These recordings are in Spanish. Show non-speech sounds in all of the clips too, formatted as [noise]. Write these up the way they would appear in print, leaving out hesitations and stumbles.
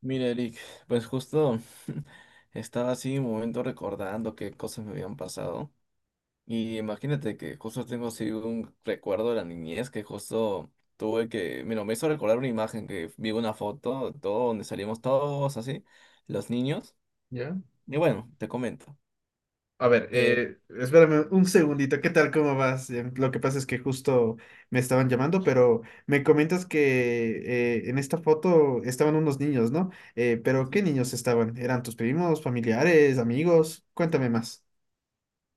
Mira, Eric, pues justo [laughs] estaba así un momento recordando qué cosas me habían pasado. Y imagínate que justo tengo así un recuerdo de la niñez que justo tuve que, mira, me hizo recordar una imagen que vi una foto, todo donde salimos todos así, los niños. ¿Ya? Y bueno, te comento. A ver, Eh, espérame un segundito, ¿qué tal? ¿Cómo vas? Lo que pasa es que justo me estaban llamando, pero me comentas que en esta foto estaban unos niños, ¿no? Pero ¿qué sí. niños estaban? ¿Eran tus primos, familiares, amigos? Cuéntame más.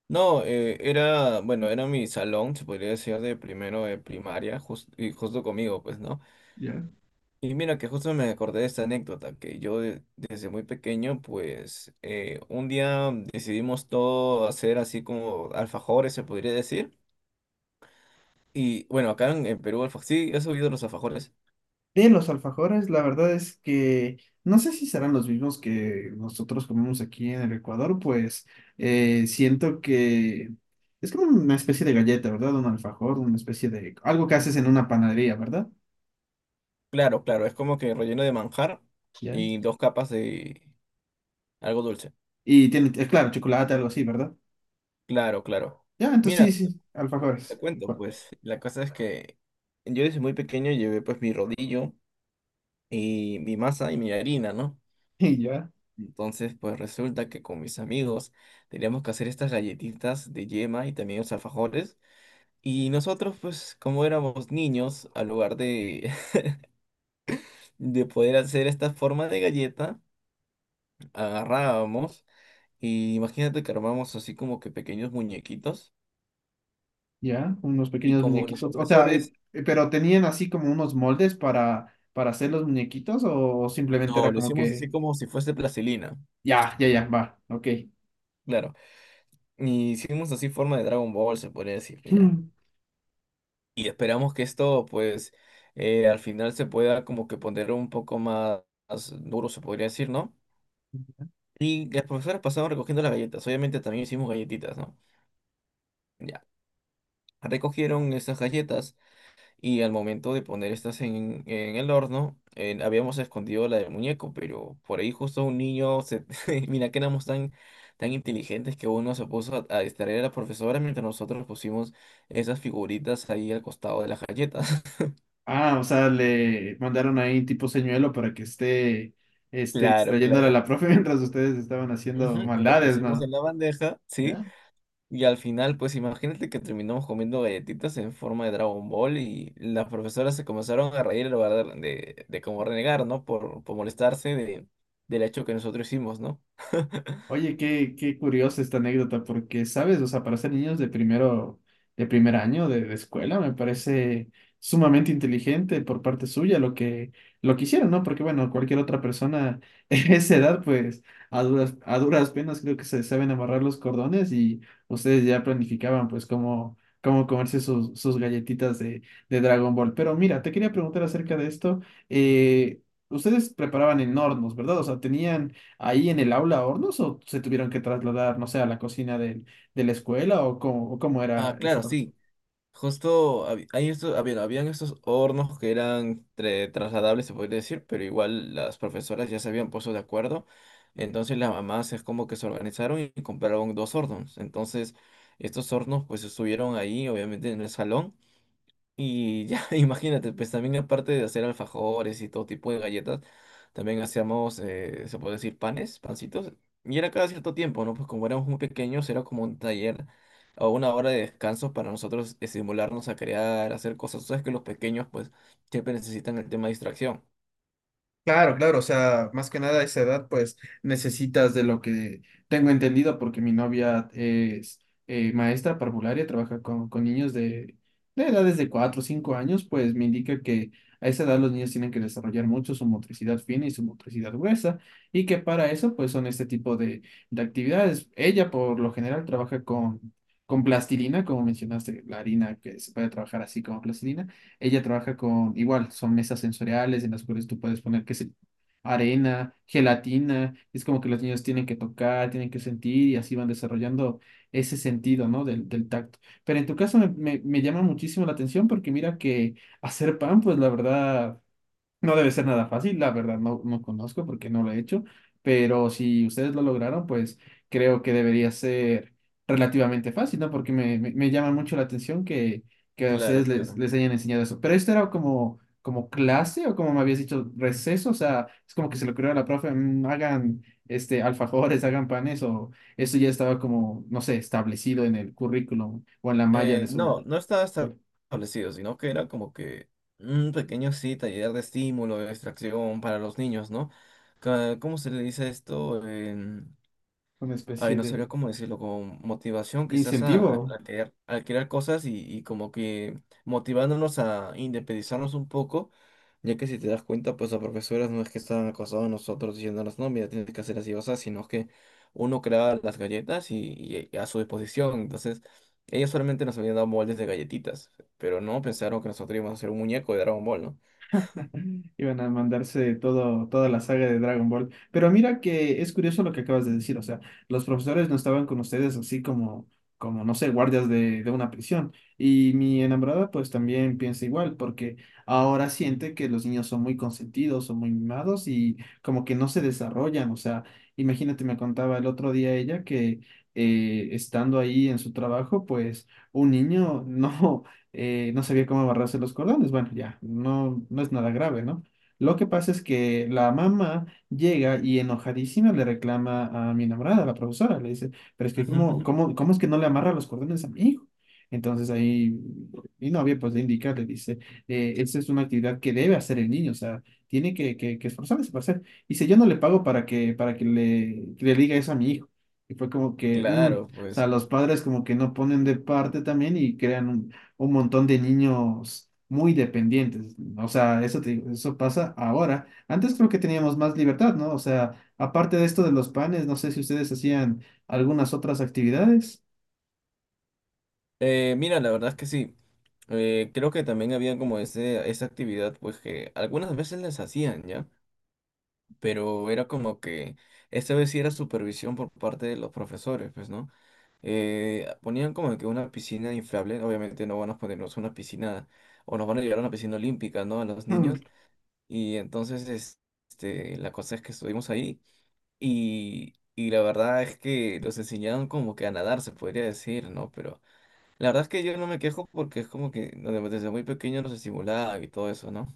No, era, bueno, era mi salón, se podría decir, de primero de primaria, y justo conmigo, pues, ¿no? Ya. Y mira que justo me acordé de esta anécdota, que yo desde muy pequeño, pues un día decidimos todo hacer así como alfajores, se podría decir. Y bueno, acá en Perú, sí, ¿has oído los alfajores? De los alfajores, la verdad es que no sé si serán los mismos que nosotros comemos aquí en el Ecuador, pues siento que es como una especie de galleta, ¿verdad? Un alfajor, una especie de algo que haces en una panadería, ¿verdad? Claro, claro, es como que relleno de manjar Ya. y dos capas de algo dulce. Y tiene, claro, chocolate, algo así, ¿verdad? Claro, claro. Ya, Mira, entonces sí, sí, te alfajores. cuento, pues la cosa es que yo desde muy pequeño llevé pues mi rodillo y mi masa y mi harina, ¿no? [laughs] Y ya, Entonces, pues resulta que con mis amigos teníamos que hacer estas galletitas de yema y también los alfajores. Y nosotros, pues como éramos niños, al lugar de, [laughs] de poder hacer esta forma de galleta, agarrábamos y imagínate que armamos así como que pequeños muñequitos. ya, unos Y pequeños como los muñequitos. O sea, profesores, pero tenían así como unos moldes para hacer los muñequitos o simplemente no, era lo como hicimos que, así como si fuese plastilina. ya, ya, ya, va, ok. Claro. Y hicimos así forma de Dragon Ball, se podría decir, ya. [laughs] Y esperamos que esto, pues, al final se pueda como que poner un poco más, más duro, se podría decir, ¿no? Y las profesoras pasaban recogiendo las galletas, obviamente también hicimos galletitas, ¿no? Ya, recogieron esas galletas y al momento de poner estas en el horno, habíamos escondido la del muñeco, pero por ahí justo un niño, se... [laughs] mira que éramos tan, tan inteligentes que uno se puso a distraer a la profesora mientras nosotros pusimos esas figuritas ahí al costado de las galletas. [laughs] Ah, o sea, le mandaron ahí tipo señuelo para que esté, Claro, distrayéndole a claro. la profe [laughs] mientras ustedes estaban haciendo Ujú. La maldades, pusimos ¿no? en la bandeja, ¿sí? ¿Ya? Y al final, pues imagínate que terminamos comiendo galletitas en forma de Dragon Ball y las profesoras se comenzaron a reír en lugar de como renegar, ¿no? Por molestarse de, del hecho que nosotros hicimos, ¿no? [laughs] Oye, qué curiosa esta anécdota, porque, ¿sabes? O sea, para ser niños de primero, de primer año de escuela, me parece sumamente inteligente por parte suya lo que hicieron, ¿no? Porque, bueno, cualquier otra persona [laughs] en esa edad, pues, a duras penas creo que se saben amarrar los cordones y ustedes ya planificaban, pues, cómo comerse sus galletitas de Dragon Ball. Pero mira, te quería preguntar acerca de esto. eh, ustedes preparaban en hornos, ¿verdad? O sea, ¿tenían ahí en el aula a hornos o se tuvieron que trasladar, no sé, a la cocina de la escuela o cómo era Ah, esa claro, parte? sí. Justo hay estos, ah, bien, habían estos hornos que eran trasladables, se podría decir, pero igual las profesoras ya se habían puesto de acuerdo. Entonces las mamás es como que se organizaron y compraron dos hornos. Entonces estos hornos pues estuvieron ahí, obviamente en el salón. Y ya, [laughs] imagínate, pues también aparte de hacer alfajores y todo tipo de galletas, también hacíamos, se puede decir, panes, pancitos. Y era cada cierto tiempo, ¿no? Pues como éramos muy pequeños, era como un taller o una hora de descanso para nosotros estimularnos a crear, hacer cosas. Tú sabes que los pequeños, pues, siempre necesitan el tema de distracción. Claro, claro, o sea, más que nada a esa edad, pues necesitas de lo que tengo entendido, porque mi novia es maestra parvularia, trabaja con niños de edades de 4 o 5 años, pues me indica que a esa edad los niños tienen que desarrollar mucho su motricidad fina y su motricidad gruesa, y que para eso, pues son este tipo de actividades. Ella, por lo general, trabaja con plastilina, como mencionaste, la harina que se puede trabajar así como plastilina ella trabaja con, igual, son mesas sensoriales en las cuales tú puedes poner, qué sé, arena, gelatina. Es como que los niños tienen que tocar, tienen que sentir y así van desarrollando ese sentido, ¿no? Del tacto. Pero en tu caso me llama muchísimo la atención porque mira que hacer pan, pues la verdad. No debe ser nada fácil, la verdad no conozco porque no lo he hecho, pero si ustedes lo lograron, pues creo que debería ser relativamente fácil, ¿no? Porque me llama mucho la atención que a Claro, ustedes les, claro. les hayan enseñado eso. Pero esto era como clase o como me habías dicho, receso, o sea, es como que se le ocurrió a la profe, "Mm, hagan alfajores, [laughs] hagan panes, o eso ya estaba como, no sé, establecido en el currículum o en la malla de No, su, no estaba escuela, establecido, sino que era como que un pequeño sí taller de estímulo, de distracción para los niños, ¿no? Ca- ¿Cómo se le dice esto? una Ay, especie no de sabría cómo decirlo, con motivación quizás incentivo. A crear cosas y como que motivándonos a independizarnos un poco, ya que si te das cuenta, pues las profesoras no es que estaban acosados a nosotros diciéndonos, no, mira, tienes que hacer así o así, sino que uno creaba las galletas y a su disposición, entonces ellos solamente nos habían dado moldes de galletitas, pero no pensaron que nosotros íbamos a hacer un muñeco de Dragon Ball, ¿no? Iban a mandarse todo, toda la saga de Dragon Ball. Pero mira que es curioso lo que acabas de decir. O sea, los profesores no estaban con ustedes así como no sé, guardias de una prisión. Y mi enamorada pues también piensa igual, porque ahora siente que los niños son muy consentidos, son muy mimados y como que no se desarrollan. O sea, imagínate, me contaba el otro día ella que estando ahí en su trabajo, pues un niño [laughs] no sabía cómo amarrarse los cordones. Bueno, ya, no es nada grave, ¿no? Lo que pasa es que la mamá llega y enojadísima le reclama a mi enamorada, a la profesora, le dice, pero es que Ujú, cómo, ujú. cómo, cómo es que no le amarra los cordones a mi hijo. Entonces ahí mi novia pues le indica, le dice, esa es una actividad que debe hacer el niño, o sea, tiene que esforzarse para hacer. Dice, yo no le pago para que que le diga eso a mi hijo. Y fue como que, Claro, o sea, pues. los padres como que no ponen de parte también y crean un montón de niños muy dependientes. O sea, eso, te digo, eso pasa ahora. Antes creo que teníamos más libertad, ¿no? O sea, aparte de esto de los panes, no sé si ustedes hacían algunas otras actividades. Mira, la verdad es que sí. Creo que también había como ese, esa actividad, pues que algunas veces les hacían, ¿ya? Pero era como que esta vez sí era supervisión por parte de los profesores, pues, ¿no? Ponían como que una piscina inflable, obviamente no van a ponernos una piscina, o nos van a llevar a una piscina olímpica, ¿no? A los niños. [laughs] Y entonces, este, la cosa es que estuvimos ahí y la verdad es que los enseñaron como que a nadar, se podría decir, ¿no? Pero la verdad es que yo no me quejo porque es como que no, desde muy pequeño nos estimulaba y todo eso, ¿no?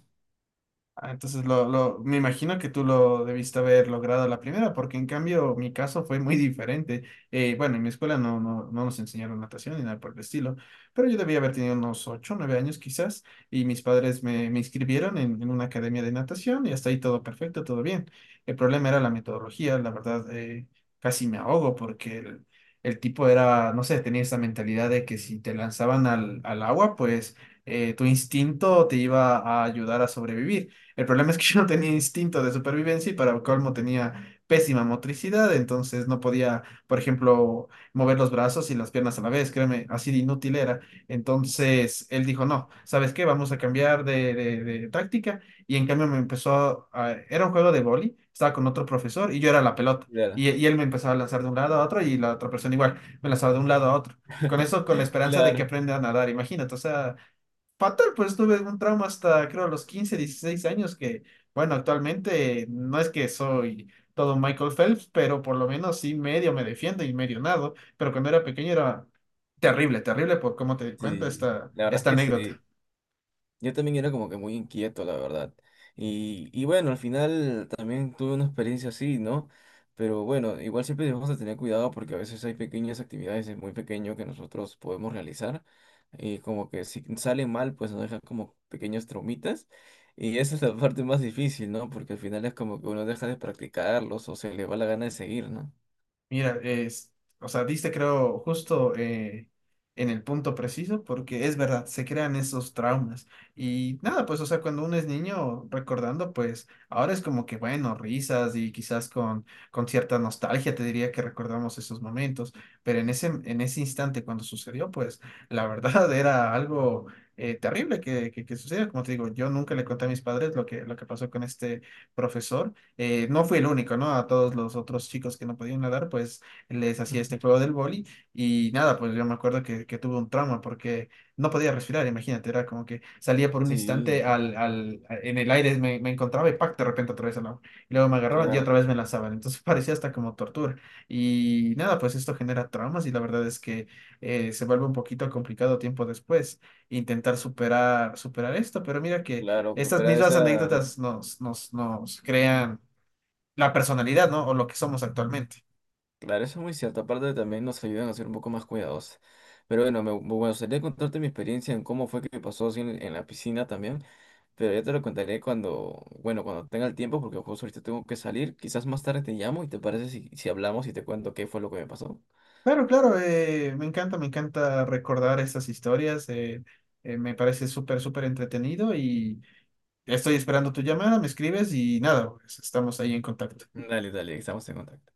Ah, entonces me imagino que tú lo debiste haber logrado a la primera, porque en cambio mi caso fue muy [laughs] diferente. Bueno, en mi escuela no nos enseñaron natación ni nada por el estilo, pero yo debía haber tenido unos 8, 9 años quizás, y mis padres me inscribieron en una academia de natación y hasta ahí todo perfecto, todo bien. El problema era la metodología, la verdad, casi me ahogo porque el tipo era, no sé, tenía esa mentalidad de que si te lanzaban al agua, pues tu instinto te iba a ayudar a sobrevivir. El problema es que [laughs] yo no tenía instinto de supervivencia y para colmo tenía pésima motricidad, entonces no podía, por ejemplo, mover los brazos y las piernas a la vez, créeme, así de inútil era. Entonces, Entonces él dijo, no, ¿sabes qué? Vamos a cambiar de táctica y en cambio me empezó a. Era un juego de boli, estaba con otro profesor y yo era la pelota. claro, Y él me empezaba a lanzar de un lado a otro y la otra persona igual, me lanzaba de un lado a otro. Con eso, con la esperanza de que claro, aprenda a nadar, imagínate, o sea. Fatal, pues tuve un trauma hasta creo los 15, 16 años que, bueno, actualmente no es que soy todo Michael Phelps, pero por lo menos sí medio me defiendo y medio nado, pero cuando era pequeño era terrible, terrible por cómo te cuento sí. esta, La verdad es esta que anécdota. sí. Yo también era como que muy inquieto, la verdad. Y bueno, al final también tuve una experiencia así, ¿no? Pero bueno, igual siempre debemos de tener cuidado porque a veces hay pequeñas actividades de muy pequeño que nosotros podemos realizar. Y como que si sale mal, pues nos dejan como pequeños traumitas. Y esa es la [laughs] parte más difícil, ¿no? Porque al final es como que uno deja de practicarlos o se le va la gana de seguir, ¿no? Mira, es, o sea, diste creo justo en el punto preciso, porque es verdad, se crean esos traumas. Y nada, pues, o sea, cuando uno es niño recordando, pues ahora es como que, bueno, risas y quizás con cierta nostalgia te diría que recordamos esos momentos, pero en ese instante cuando sucedió, pues la verdad [laughs] era algo terrible que sucedió. Como te digo, yo nunca le conté a mis padres lo que pasó con este profesor. No fui el único, ¿no? A todos los otros chicos que no podían nadar, pues les hacía Ujú. este juego del boli y nada, pues yo me acuerdo que tuve un trauma porque no podía respirar, imagínate, era como que salía por un instante Sí, en el aire, me encontraba y ¡pac! De repente otra vez al agua. Y luego me agarraban y claro, otra vez me lanzaban, entonces [laughs] parecía hasta como tortura. Y nada, pues esto genera traumas y la verdad es que se vuelve un poquito complicado tiempo después intentar superar, superar esto, pero mira que claro, estas supera mismas esa. anécdotas nos crean la personalidad, ¿no? O lo que somos actualmente. Claro, eso es muy cierto. Aparte también nos ayudan a ser un poco más cuidadosos. Pero bueno, me gustaría contarte mi experiencia en cómo fue que me pasó así en la piscina también. Pero ya te lo contaré cuando, bueno, cuando tenga el tiempo, porque justo ahorita tengo que salir. Quizás más tarde te llamo y te parece si, si hablamos y te cuento qué fue lo que me pasó. Claro, claro, me encanta recordar estas historias, me parece súper, súper entretenido y estoy esperando tu llamada, me escribes y nada, pues, estamos ahí en contacto. Dale, dale, estamos en contacto.